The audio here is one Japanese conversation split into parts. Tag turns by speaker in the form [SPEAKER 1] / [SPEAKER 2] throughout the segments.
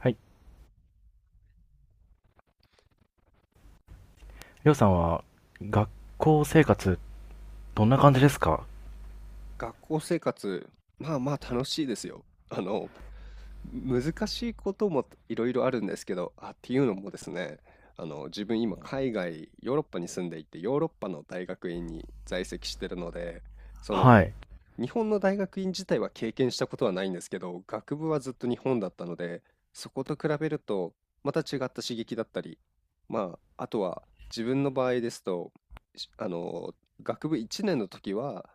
[SPEAKER 1] はい。りょうさんは、学校生活、どんな感じですか？
[SPEAKER 2] 学校生活、まあまあ楽しいですよ。難しいこともいろいろあるんですけど、っていうのもですね、自分今海外、ヨーロッパに住んでいて、ヨーロッパの大学院に在籍してるので、その
[SPEAKER 1] はい。
[SPEAKER 2] 日本の大学院自体は経験したことはないんですけど、学部はずっと日本だったので、そこと比べるとまた違った刺激だったり、まあ、あとは自分の場合ですと、しあの、学部1年の時は、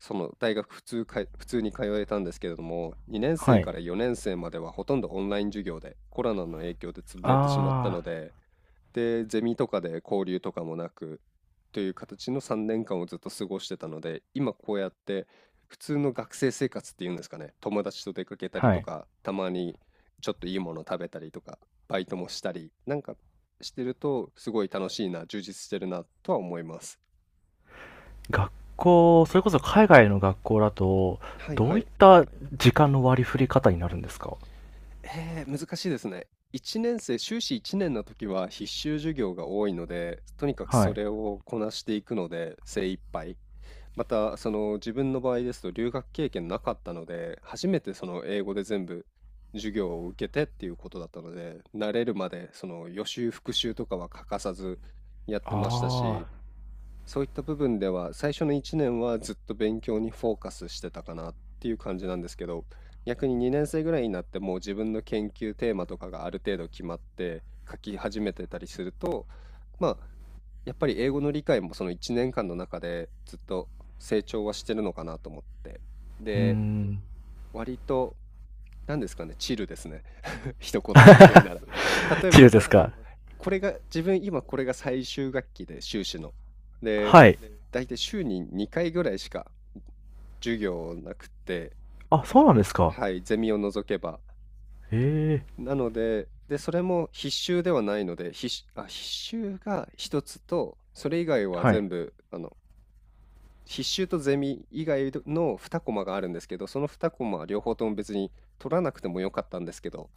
[SPEAKER 2] その大学普通に通えたんですけれども、2年
[SPEAKER 1] は
[SPEAKER 2] 生か
[SPEAKER 1] い。
[SPEAKER 2] ら4年生まではほとんどオンライン授業で、コロナの影響で潰れてしまった
[SPEAKER 1] あ
[SPEAKER 2] ので、でゼミとかで交流とかもなく、という形の3年間をずっと過ごしてたので、今こうやって普通の学生生活っていうんですかね、友達と出かけた
[SPEAKER 1] あ、
[SPEAKER 2] り
[SPEAKER 1] は
[SPEAKER 2] と
[SPEAKER 1] い。
[SPEAKER 2] か、たまにちょっといいもの食べたりとか、バイトもしたりなんかしてると、すごい楽しいな、充実してるなとは思います。
[SPEAKER 1] 学校、それこそ海外の学校だと、
[SPEAKER 2] はい
[SPEAKER 1] ど
[SPEAKER 2] は
[SPEAKER 1] ういっ
[SPEAKER 2] い。
[SPEAKER 1] た時間の割り振り方になるんですか？
[SPEAKER 2] 難しいですね。1年生、修士1年の時は必修授業が多いので、とにかく
[SPEAKER 1] は
[SPEAKER 2] そ
[SPEAKER 1] い。
[SPEAKER 2] れをこなしていくので精一杯。また、その自分の場合ですと留学経験なかったので、初めてその英語で全部授業を受けてっていうことだったので、慣れるまでその予習復習とかは欠かさずやってました
[SPEAKER 1] あ
[SPEAKER 2] し、
[SPEAKER 1] あ、
[SPEAKER 2] そういった部分では、最初の1年はずっと勉強にフォーカスしてたかなっていう感じなんですけど、逆に2年生ぐらいになってもう自分の研究テーマとかがある程度決まって書き始めてたりすると、まあ、やっぱり英語の理解もその1年間の中でずっと成長はしてるのかなと思って。
[SPEAKER 1] うー
[SPEAKER 2] で、
[SPEAKER 1] ん。
[SPEAKER 2] 割と、何ですかね、チルですね。一言で言うなら。例え
[SPEAKER 1] チ
[SPEAKER 2] ば、
[SPEAKER 1] ルで
[SPEAKER 2] なん
[SPEAKER 1] す
[SPEAKER 2] か、
[SPEAKER 1] か？
[SPEAKER 2] これが、自分今これが最終学期で、修士の。で、
[SPEAKER 1] はい。
[SPEAKER 2] 大体週に2回ぐらいしか授業なくて、
[SPEAKER 1] あ、そうなんですか。
[SPEAKER 2] はい、ゼミを除けば。
[SPEAKER 1] ええ。
[SPEAKER 2] なので、で、それも必修ではないので、必修が一つと、それ以外は
[SPEAKER 1] はい。
[SPEAKER 2] 全部、必修とゼミ以外の2コマがあるんですけど、その2コマは両方とも別に取らなくてもよかったんですけど、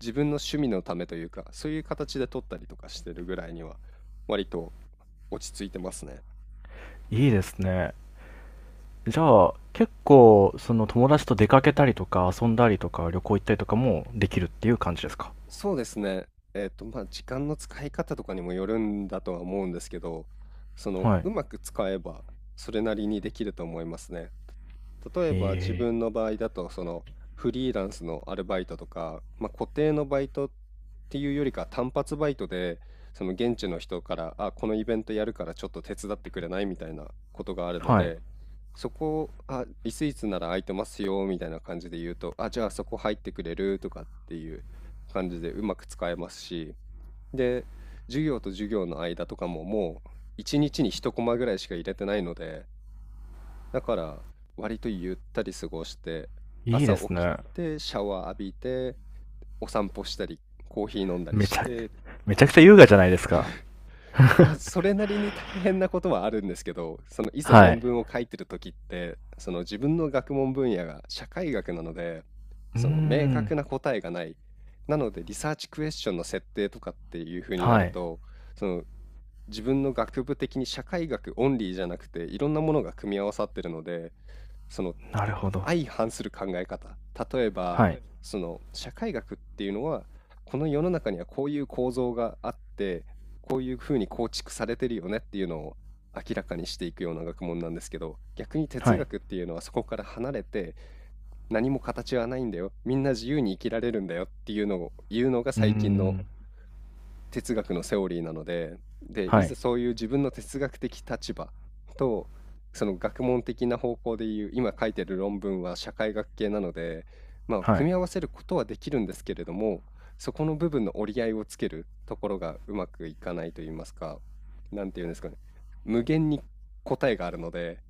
[SPEAKER 2] 自分の趣味のためというか、そういう形で取ったりとかしてるぐらいには、割と落ち着いてますね。
[SPEAKER 1] いいですね。じゃあ、結構、その友達と出かけたりとか、遊んだりとか、旅行行ったりとかもできるっていう感じですか？
[SPEAKER 2] そうですね。まあ、時間の使い方とかにもよるんだとは思うんですけど、
[SPEAKER 1] はい。
[SPEAKER 2] うまく使えば、それなりにできると思いますね。例えば自
[SPEAKER 1] え
[SPEAKER 2] 分の場合だと、フリーランスのアルバイトとか、まあ、固定のバイトっていうよりか単発バイトで、その現地の人から「あ、このイベントやるから、ちょっと手伝ってくれない？」みたいなことがある
[SPEAKER 1] え。
[SPEAKER 2] の
[SPEAKER 1] はい。
[SPEAKER 2] で、そこを「あ、いついつなら空いてますよ」みたいな感じで言うと、「あ、じゃあそこ入ってくれる？」とかっていう感じでうまく使えますし、で、授業と授業の間とかももう一日に一コマぐらいしか入れてないので、だから割とゆったり過ごして、
[SPEAKER 1] いい
[SPEAKER 2] 朝
[SPEAKER 1] です
[SPEAKER 2] 起き
[SPEAKER 1] ね。
[SPEAKER 2] てシャワー浴びて、お散歩したり、コーヒー飲んだり
[SPEAKER 1] め
[SPEAKER 2] し
[SPEAKER 1] ちゃく、
[SPEAKER 2] て。
[SPEAKER 1] めちゃくちゃ優雅じゃないですか。
[SPEAKER 2] まあ、それなりに大変なことはあるんですけど、そのいざ
[SPEAKER 1] は
[SPEAKER 2] 論
[SPEAKER 1] い。
[SPEAKER 2] 文を書いてる時って、その自分の学問分野が社会学なので、
[SPEAKER 1] うー
[SPEAKER 2] その明確な
[SPEAKER 1] ん。
[SPEAKER 2] 答えがない。なのでリサーチクエスチョンの設定とかっていう風にな
[SPEAKER 1] は
[SPEAKER 2] る
[SPEAKER 1] い。
[SPEAKER 2] と、その自分の学部的に社会学オンリーじゃなくていろんなものが組み合わさってるので、その
[SPEAKER 1] なるほど。
[SPEAKER 2] 相反する考え方、例えば、
[SPEAKER 1] はい。
[SPEAKER 2] その社会学っていうのは、この世の中にはこういう構造があって、こういうふうに構築されてるよねっていうのを明らかにしていくような学問なんですけど、逆に
[SPEAKER 1] は
[SPEAKER 2] 哲
[SPEAKER 1] い。
[SPEAKER 2] 学っていうのはそこから離れて、何も形はないんだよ、みんな自由に生きられるんだよっていうのを言うのが
[SPEAKER 1] うー
[SPEAKER 2] 最近の
[SPEAKER 1] ん。
[SPEAKER 2] 哲学のセオリーなので、で、い
[SPEAKER 1] は
[SPEAKER 2] ざ
[SPEAKER 1] い。
[SPEAKER 2] そういう自分の哲学的立場と、その学問的な方向でいう、今書いてる論文は社会学系なので、まあ、
[SPEAKER 1] は
[SPEAKER 2] 組
[SPEAKER 1] い。
[SPEAKER 2] み合わせることはできるんですけれども、そこの部分の折り合いをつけるところがうまくいかないと言いますか、なんていうんですかね、無限に答えがあるので、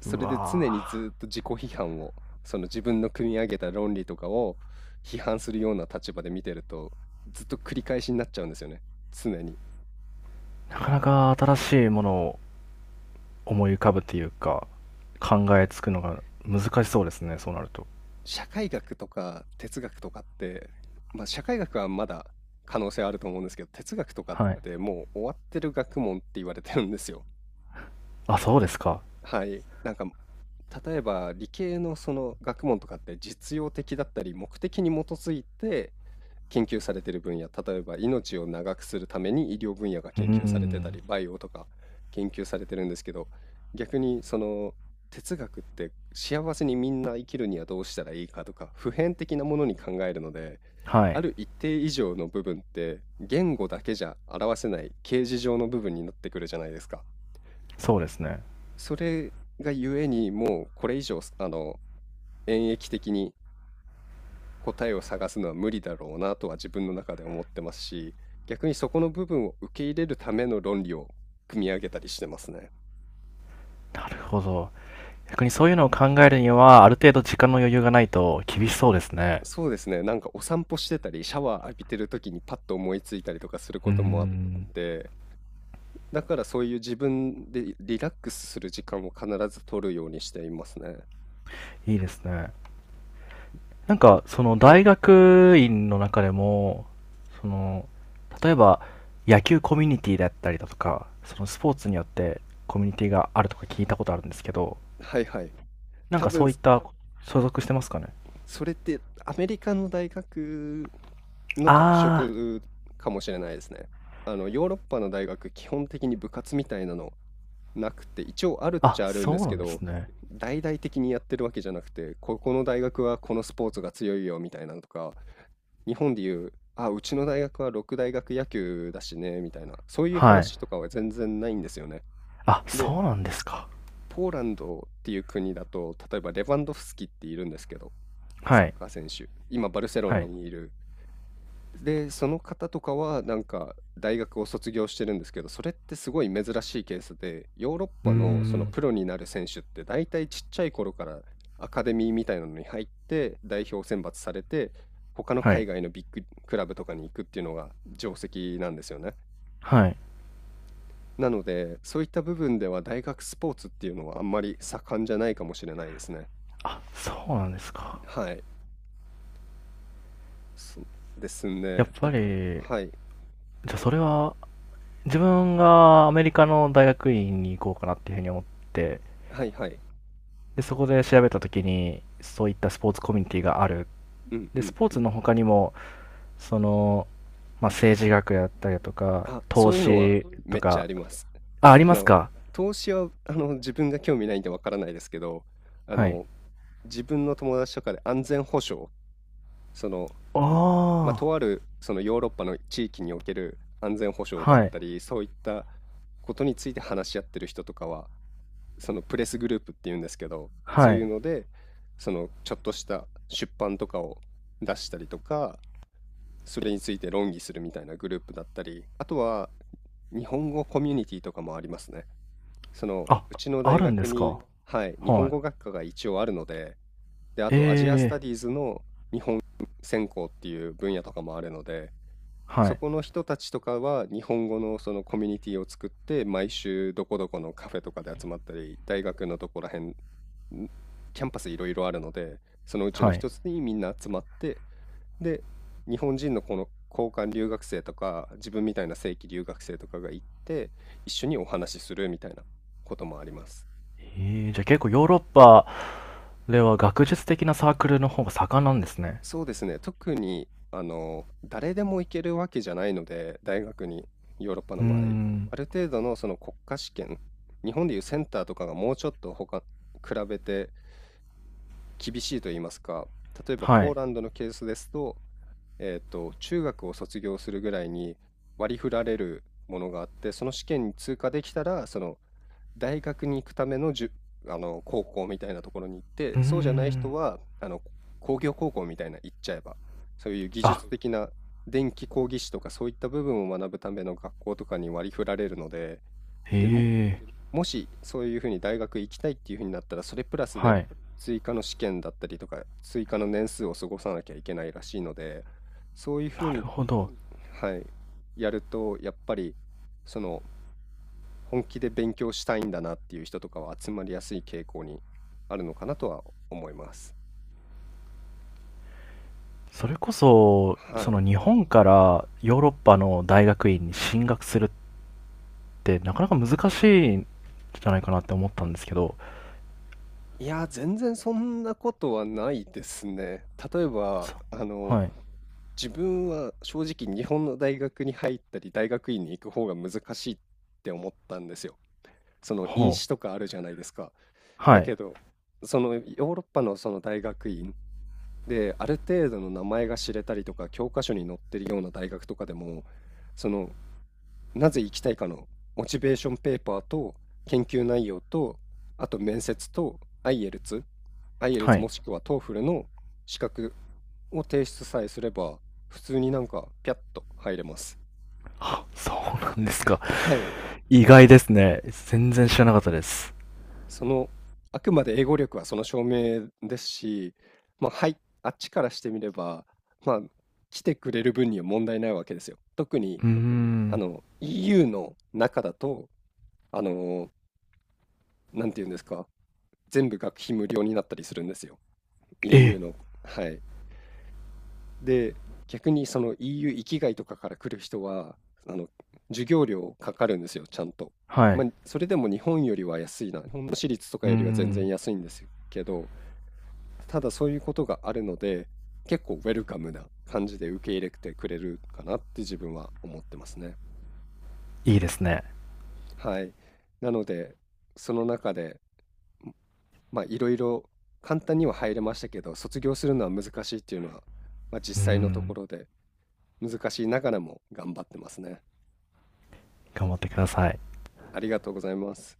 [SPEAKER 2] そ
[SPEAKER 1] う
[SPEAKER 2] れで常に
[SPEAKER 1] わ
[SPEAKER 2] ずっと自己批判を、その自分の組み上げた論理とかを批判するような立場で見てると、ずっと繰り返しになっちゃうんですよね。常に。
[SPEAKER 1] ー。なかなか新しいものを思い浮かぶっていうか、考えつくのが難しそうですね、そうなると。
[SPEAKER 2] 社会学とか哲学とかって、まあ社会学はまだ可能性あると思うんですけど、哲学とかっ
[SPEAKER 1] はい。
[SPEAKER 2] てもう終わってる学問って言われてるんですよ。
[SPEAKER 1] あ、そうですか。
[SPEAKER 2] はい。なんか、例えば理系のその学問とかって実用的だったり目的に基づいて研究されてる分野、例えば命を長くするために医療分野が
[SPEAKER 1] うー
[SPEAKER 2] 研究されてた
[SPEAKER 1] ん。
[SPEAKER 2] り、バイオとか研究されてるんですけど、逆にその哲学って幸せにみんな生きるにはどうしたらいいかとか、普遍的なものに考えるので、
[SPEAKER 1] は
[SPEAKER 2] あ
[SPEAKER 1] い。
[SPEAKER 2] る一定以上の部分って言語だけじゃ表せない形而上の部分になってくるじゃないですか。
[SPEAKER 1] そうですね。
[SPEAKER 2] それがゆえにもうこれ以上、演繹的に答えを探すのは無理だろうなとは自分の中で思ってますし、逆にそこの部分を受け入れるための論理を組み上げたりしてますね。
[SPEAKER 1] なるほど。逆にそういうのを考えるには、ある程度時間の余裕がないと厳しそうですね。
[SPEAKER 2] そうですね。なんかお散歩してたり、シャワー浴びてる時にパッと思いついたりとかする
[SPEAKER 1] う
[SPEAKER 2] こ
[SPEAKER 1] ー
[SPEAKER 2] ともあっ
[SPEAKER 1] ん。
[SPEAKER 2] て、だからそういう自分でリラックスする時間を必ず取るようにしていますね。
[SPEAKER 1] いいですね。なんか、その
[SPEAKER 2] は
[SPEAKER 1] 大
[SPEAKER 2] い。
[SPEAKER 1] 学院の中でも、その、例えば野球コミュニティだったりだとか、そのスポーツによってコミュニティがあるとか聞いたことあるんですけど、
[SPEAKER 2] はいはい。
[SPEAKER 1] なん
[SPEAKER 2] 多
[SPEAKER 1] かそ
[SPEAKER 2] 分
[SPEAKER 1] ういった所属してますかね？
[SPEAKER 2] それってアメリカの大学の特
[SPEAKER 1] あ
[SPEAKER 2] 色かもしれないですね。ヨーロッパの大学、基本的に部活みたいなのなくて、一応あるっ
[SPEAKER 1] あ、あ、
[SPEAKER 2] ちゃあるん
[SPEAKER 1] そ
[SPEAKER 2] で
[SPEAKER 1] う
[SPEAKER 2] す
[SPEAKER 1] な
[SPEAKER 2] け
[SPEAKER 1] んです
[SPEAKER 2] ど、
[SPEAKER 1] ね。
[SPEAKER 2] 大々的にやってるわけじゃなくて、ここの大学はこのスポーツが強いよみたいなのとか、日本でいう、あ、うちの大学は六大学野球だしね、みたいな、そういう
[SPEAKER 1] はい。
[SPEAKER 2] 話とかは全然ないんですよね。
[SPEAKER 1] あ、
[SPEAKER 2] で、
[SPEAKER 1] そうなんですか。
[SPEAKER 2] ポーランドっていう国だと、例えばレバンドフスキっているんですけど、
[SPEAKER 1] は
[SPEAKER 2] サッ
[SPEAKER 1] い。
[SPEAKER 2] カー選手。今、バルセロ
[SPEAKER 1] は
[SPEAKER 2] ナ
[SPEAKER 1] い。
[SPEAKER 2] にいる。で、その方とかは、なんか、大学を卒業してるんですけど、それってすごい珍しいケースで、ヨーロッ
[SPEAKER 1] うー
[SPEAKER 2] パのその
[SPEAKER 1] ん。
[SPEAKER 2] プロになる選手って、大体ちっちゃい頃からアカデミーみたいなのに入って、代表選抜されて、他の
[SPEAKER 1] は
[SPEAKER 2] 海
[SPEAKER 1] い。
[SPEAKER 2] 外のビッグクラブとかに行くっていうのが定石なんですよね。
[SPEAKER 1] はい。
[SPEAKER 2] なので、そういった部分では大学スポーツっていうのはあんまり盛んじゃないかもしれないですね。
[SPEAKER 1] あ、そうなんですか。
[SPEAKER 2] はい。そうです
[SPEAKER 1] やっ
[SPEAKER 2] ね。だ
[SPEAKER 1] ぱ
[SPEAKER 2] から、
[SPEAKER 1] り、
[SPEAKER 2] はい。
[SPEAKER 1] じゃあそれは、自分がアメリカの大学院に行こうかなっていうふうに思って、
[SPEAKER 2] はいはい。
[SPEAKER 1] でそこで調べた時にそういったスポーツコミュニティがある、
[SPEAKER 2] うん
[SPEAKER 1] で
[SPEAKER 2] う
[SPEAKER 1] ス
[SPEAKER 2] ん。
[SPEAKER 1] ポーツの他にも、その、まあ、政治学やったりだとか
[SPEAKER 2] あ、
[SPEAKER 1] 投
[SPEAKER 2] そういうのは
[SPEAKER 1] 資と
[SPEAKER 2] めっちゃ
[SPEAKER 1] か、
[SPEAKER 2] あります。
[SPEAKER 1] あ、あり
[SPEAKER 2] あ
[SPEAKER 1] ます
[SPEAKER 2] の、
[SPEAKER 1] か？
[SPEAKER 2] 投資は、自分が興味ないんでわからないですけど、あ
[SPEAKER 1] はい。
[SPEAKER 2] の、自分の友達とかで安全保障、その、まあ、
[SPEAKER 1] ああ
[SPEAKER 2] と
[SPEAKER 1] ー。
[SPEAKER 2] ある、そのヨーロッパの地域における安全保障だっ
[SPEAKER 1] はい
[SPEAKER 2] たり、そういったことについて話し合ってる人とかは、そのプレスグループっていうんですけど、そ
[SPEAKER 1] は
[SPEAKER 2] ういう
[SPEAKER 1] い。
[SPEAKER 2] ので、そのちょっとした出版とかを出したりとか、それについて論議するみたいなグループだったり、あとは日本語コミュニティとかもありますね。その
[SPEAKER 1] あ、
[SPEAKER 2] うちの
[SPEAKER 1] あ
[SPEAKER 2] 大
[SPEAKER 1] るんで
[SPEAKER 2] 学
[SPEAKER 1] す
[SPEAKER 2] に、
[SPEAKER 1] か？
[SPEAKER 2] はい、日本
[SPEAKER 1] はい。
[SPEAKER 2] 語学科が一応あるので、で、あ
[SPEAKER 1] え
[SPEAKER 2] とアジアスタ
[SPEAKER 1] えー。
[SPEAKER 2] ディーズの専攻っていう分野とかもあるので、
[SPEAKER 1] は
[SPEAKER 2] そ
[SPEAKER 1] い。
[SPEAKER 2] この人たちとかは日本語のそのコミュニティを作って、毎週どこどこのカフェとかで集まったり、大学のとこら辺んキャンパスいろいろあるので、そのうちの
[SPEAKER 1] はい。
[SPEAKER 2] 一つにみんな集まってで、日本人のこの交換留学生とか、自分みたいな正規留学生とかが行って、一緒にお話しするみたいなこともあります。
[SPEAKER 1] えー、じゃあ結構ヨーロッパでは学術的なサークルの方が盛んなんですね。
[SPEAKER 2] そうですね。特に、誰でも行けるわけじゃないので、大学に、ヨーロッパ
[SPEAKER 1] う
[SPEAKER 2] の
[SPEAKER 1] ー
[SPEAKER 2] 場合。
[SPEAKER 1] ん。
[SPEAKER 2] ある程度のその国家試験、日本でいうセンターとかがもうちょっと他、比べて厳しいと言いますか、例えば
[SPEAKER 1] は
[SPEAKER 2] ポー
[SPEAKER 1] い。
[SPEAKER 2] ランドのケースですと、中学を卒業するぐらいに割り振られるものがあって、その試験に通過できたら、その大学に行くための高校みたいなところに行っ
[SPEAKER 1] うー
[SPEAKER 2] て、そうじゃない
[SPEAKER 1] ん。
[SPEAKER 2] 人は、工業高校みたいな行っちゃえば、そういう技術
[SPEAKER 1] あ、
[SPEAKER 2] 的な電気工技士とかそういった部分を学ぶための学校とかに割り振られるので、
[SPEAKER 1] へ
[SPEAKER 2] で、
[SPEAKER 1] え。
[SPEAKER 2] もしそういうふうに大学行きたいっていうふうになったら、それプラス
[SPEAKER 1] は
[SPEAKER 2] で
[SPEAKER 1] い。
[SPEAKER 2] 追加の試験だったりとか、追加の年数を過ごさなきゃいけないらしいので、そういうふう
[SPEAKER 1] なる
[SPEAKER 2] に、
[SPEAKER 1] ほど。
[SPEAKER 2] はい、やると、やっぱり、その、本気で勉強したいんだなっていう人とかは集まりやすい傾向にあるのかなとは思います。
[SPEAKER 1] それこそ、
[SPEAKER 2] は
[SPEAKER 1] その
[SPEAKER 2] い。
[SPEAKER 1] 日本からヨーロッパの大学院に進学するって、なかなか難しいんじゃないかなって思ったんですけど、
[SPEAKER 2] いや、全然そんなことはないですね。例えば、
[SPEAKER 1] そ、はい。
[SPEAKER 2] 自分は正直日本の大学に入ったり大学院に行く方が難しいって思ったんですよ。その院
[SPEAKER 1] ほ
[SPEAKER 2] 試
[SPEAKER 1] う。
[SPEAKER 2] とかあるじゃないですか。だ
[SPEAKER 1] はい。
[SPEAKER 2] けど、そのヨーロッパのその大学院である程度の名前が知れたりとか教科書に載ってるような大学とかでも、そのなぜ行きたいかのモチベーションペーパーと研究内容と、あと面接と IELTS、i e l
[SPEAKER 1] は
[SPEAKER 2] t
[SPEAKER 1] い。
[SPEAKER 2] もしくは TOEFL の資格を提出さえすれば、普通になんかピャッと入れます。
[SPEAKER 1] そうなんですか。
[SPEAKER 2] はい。
[SPEAKER 1] 意外ですね。全然知らなかったです。
[SPEAKER 2] その、あくまで英語力はその証明ですし、まあ、はい、あっちからしてみれば、まあ、来てくれる分には問題ないわけですよ。特に、
[SPEAKER 1] うーん。
[SPEAKER 2] EU の中だと、あの、なんていうんですか、全部学費無料になったりするんですよ。
[SPEAKER 1] え
[SPEAKER 2] EU
[SPEAKER 1] え。
[SPEAKER 2] の。はい。で、逆にその EU 域外とかから来る人は、あの、授業料かかるんですよ、ちゃんと。
[SPEAKER 1] は
[SPEAKER 2] ま
[SPEAKER 1] い。
[SPEAKER 2] あ、それでも日本よりは安いな。日本の私立とか
[SPEAKER 1] うー
[SPEAKER 2] よりは全然
[SPEAKER 1] ん。
[SPEAKER 2] 安いんですけど、ただそういうことがあるので、結構ウェルカムな感じで受け入れてくれるかなって自分は思ってますね。
[SPEAKER 1] いいですね。
[SPEAKER 2] はい。なので、その中でまあいろいろ簡単には入れましたけど、卒業するのは難しいっていうのは、まあ、
[SPEAKER 1] う
[SPEAKER 2] 実
[SPEAKER 1] ー
[SPEAKER 2] 際のとこ
[SPEAKER 1] ん。
[SPEAKER 2] ろで難しいながらも頑張ってますね。
[SPEAKER 1] 頑張ってください。
[SPEAKER 2] ありがとうございます。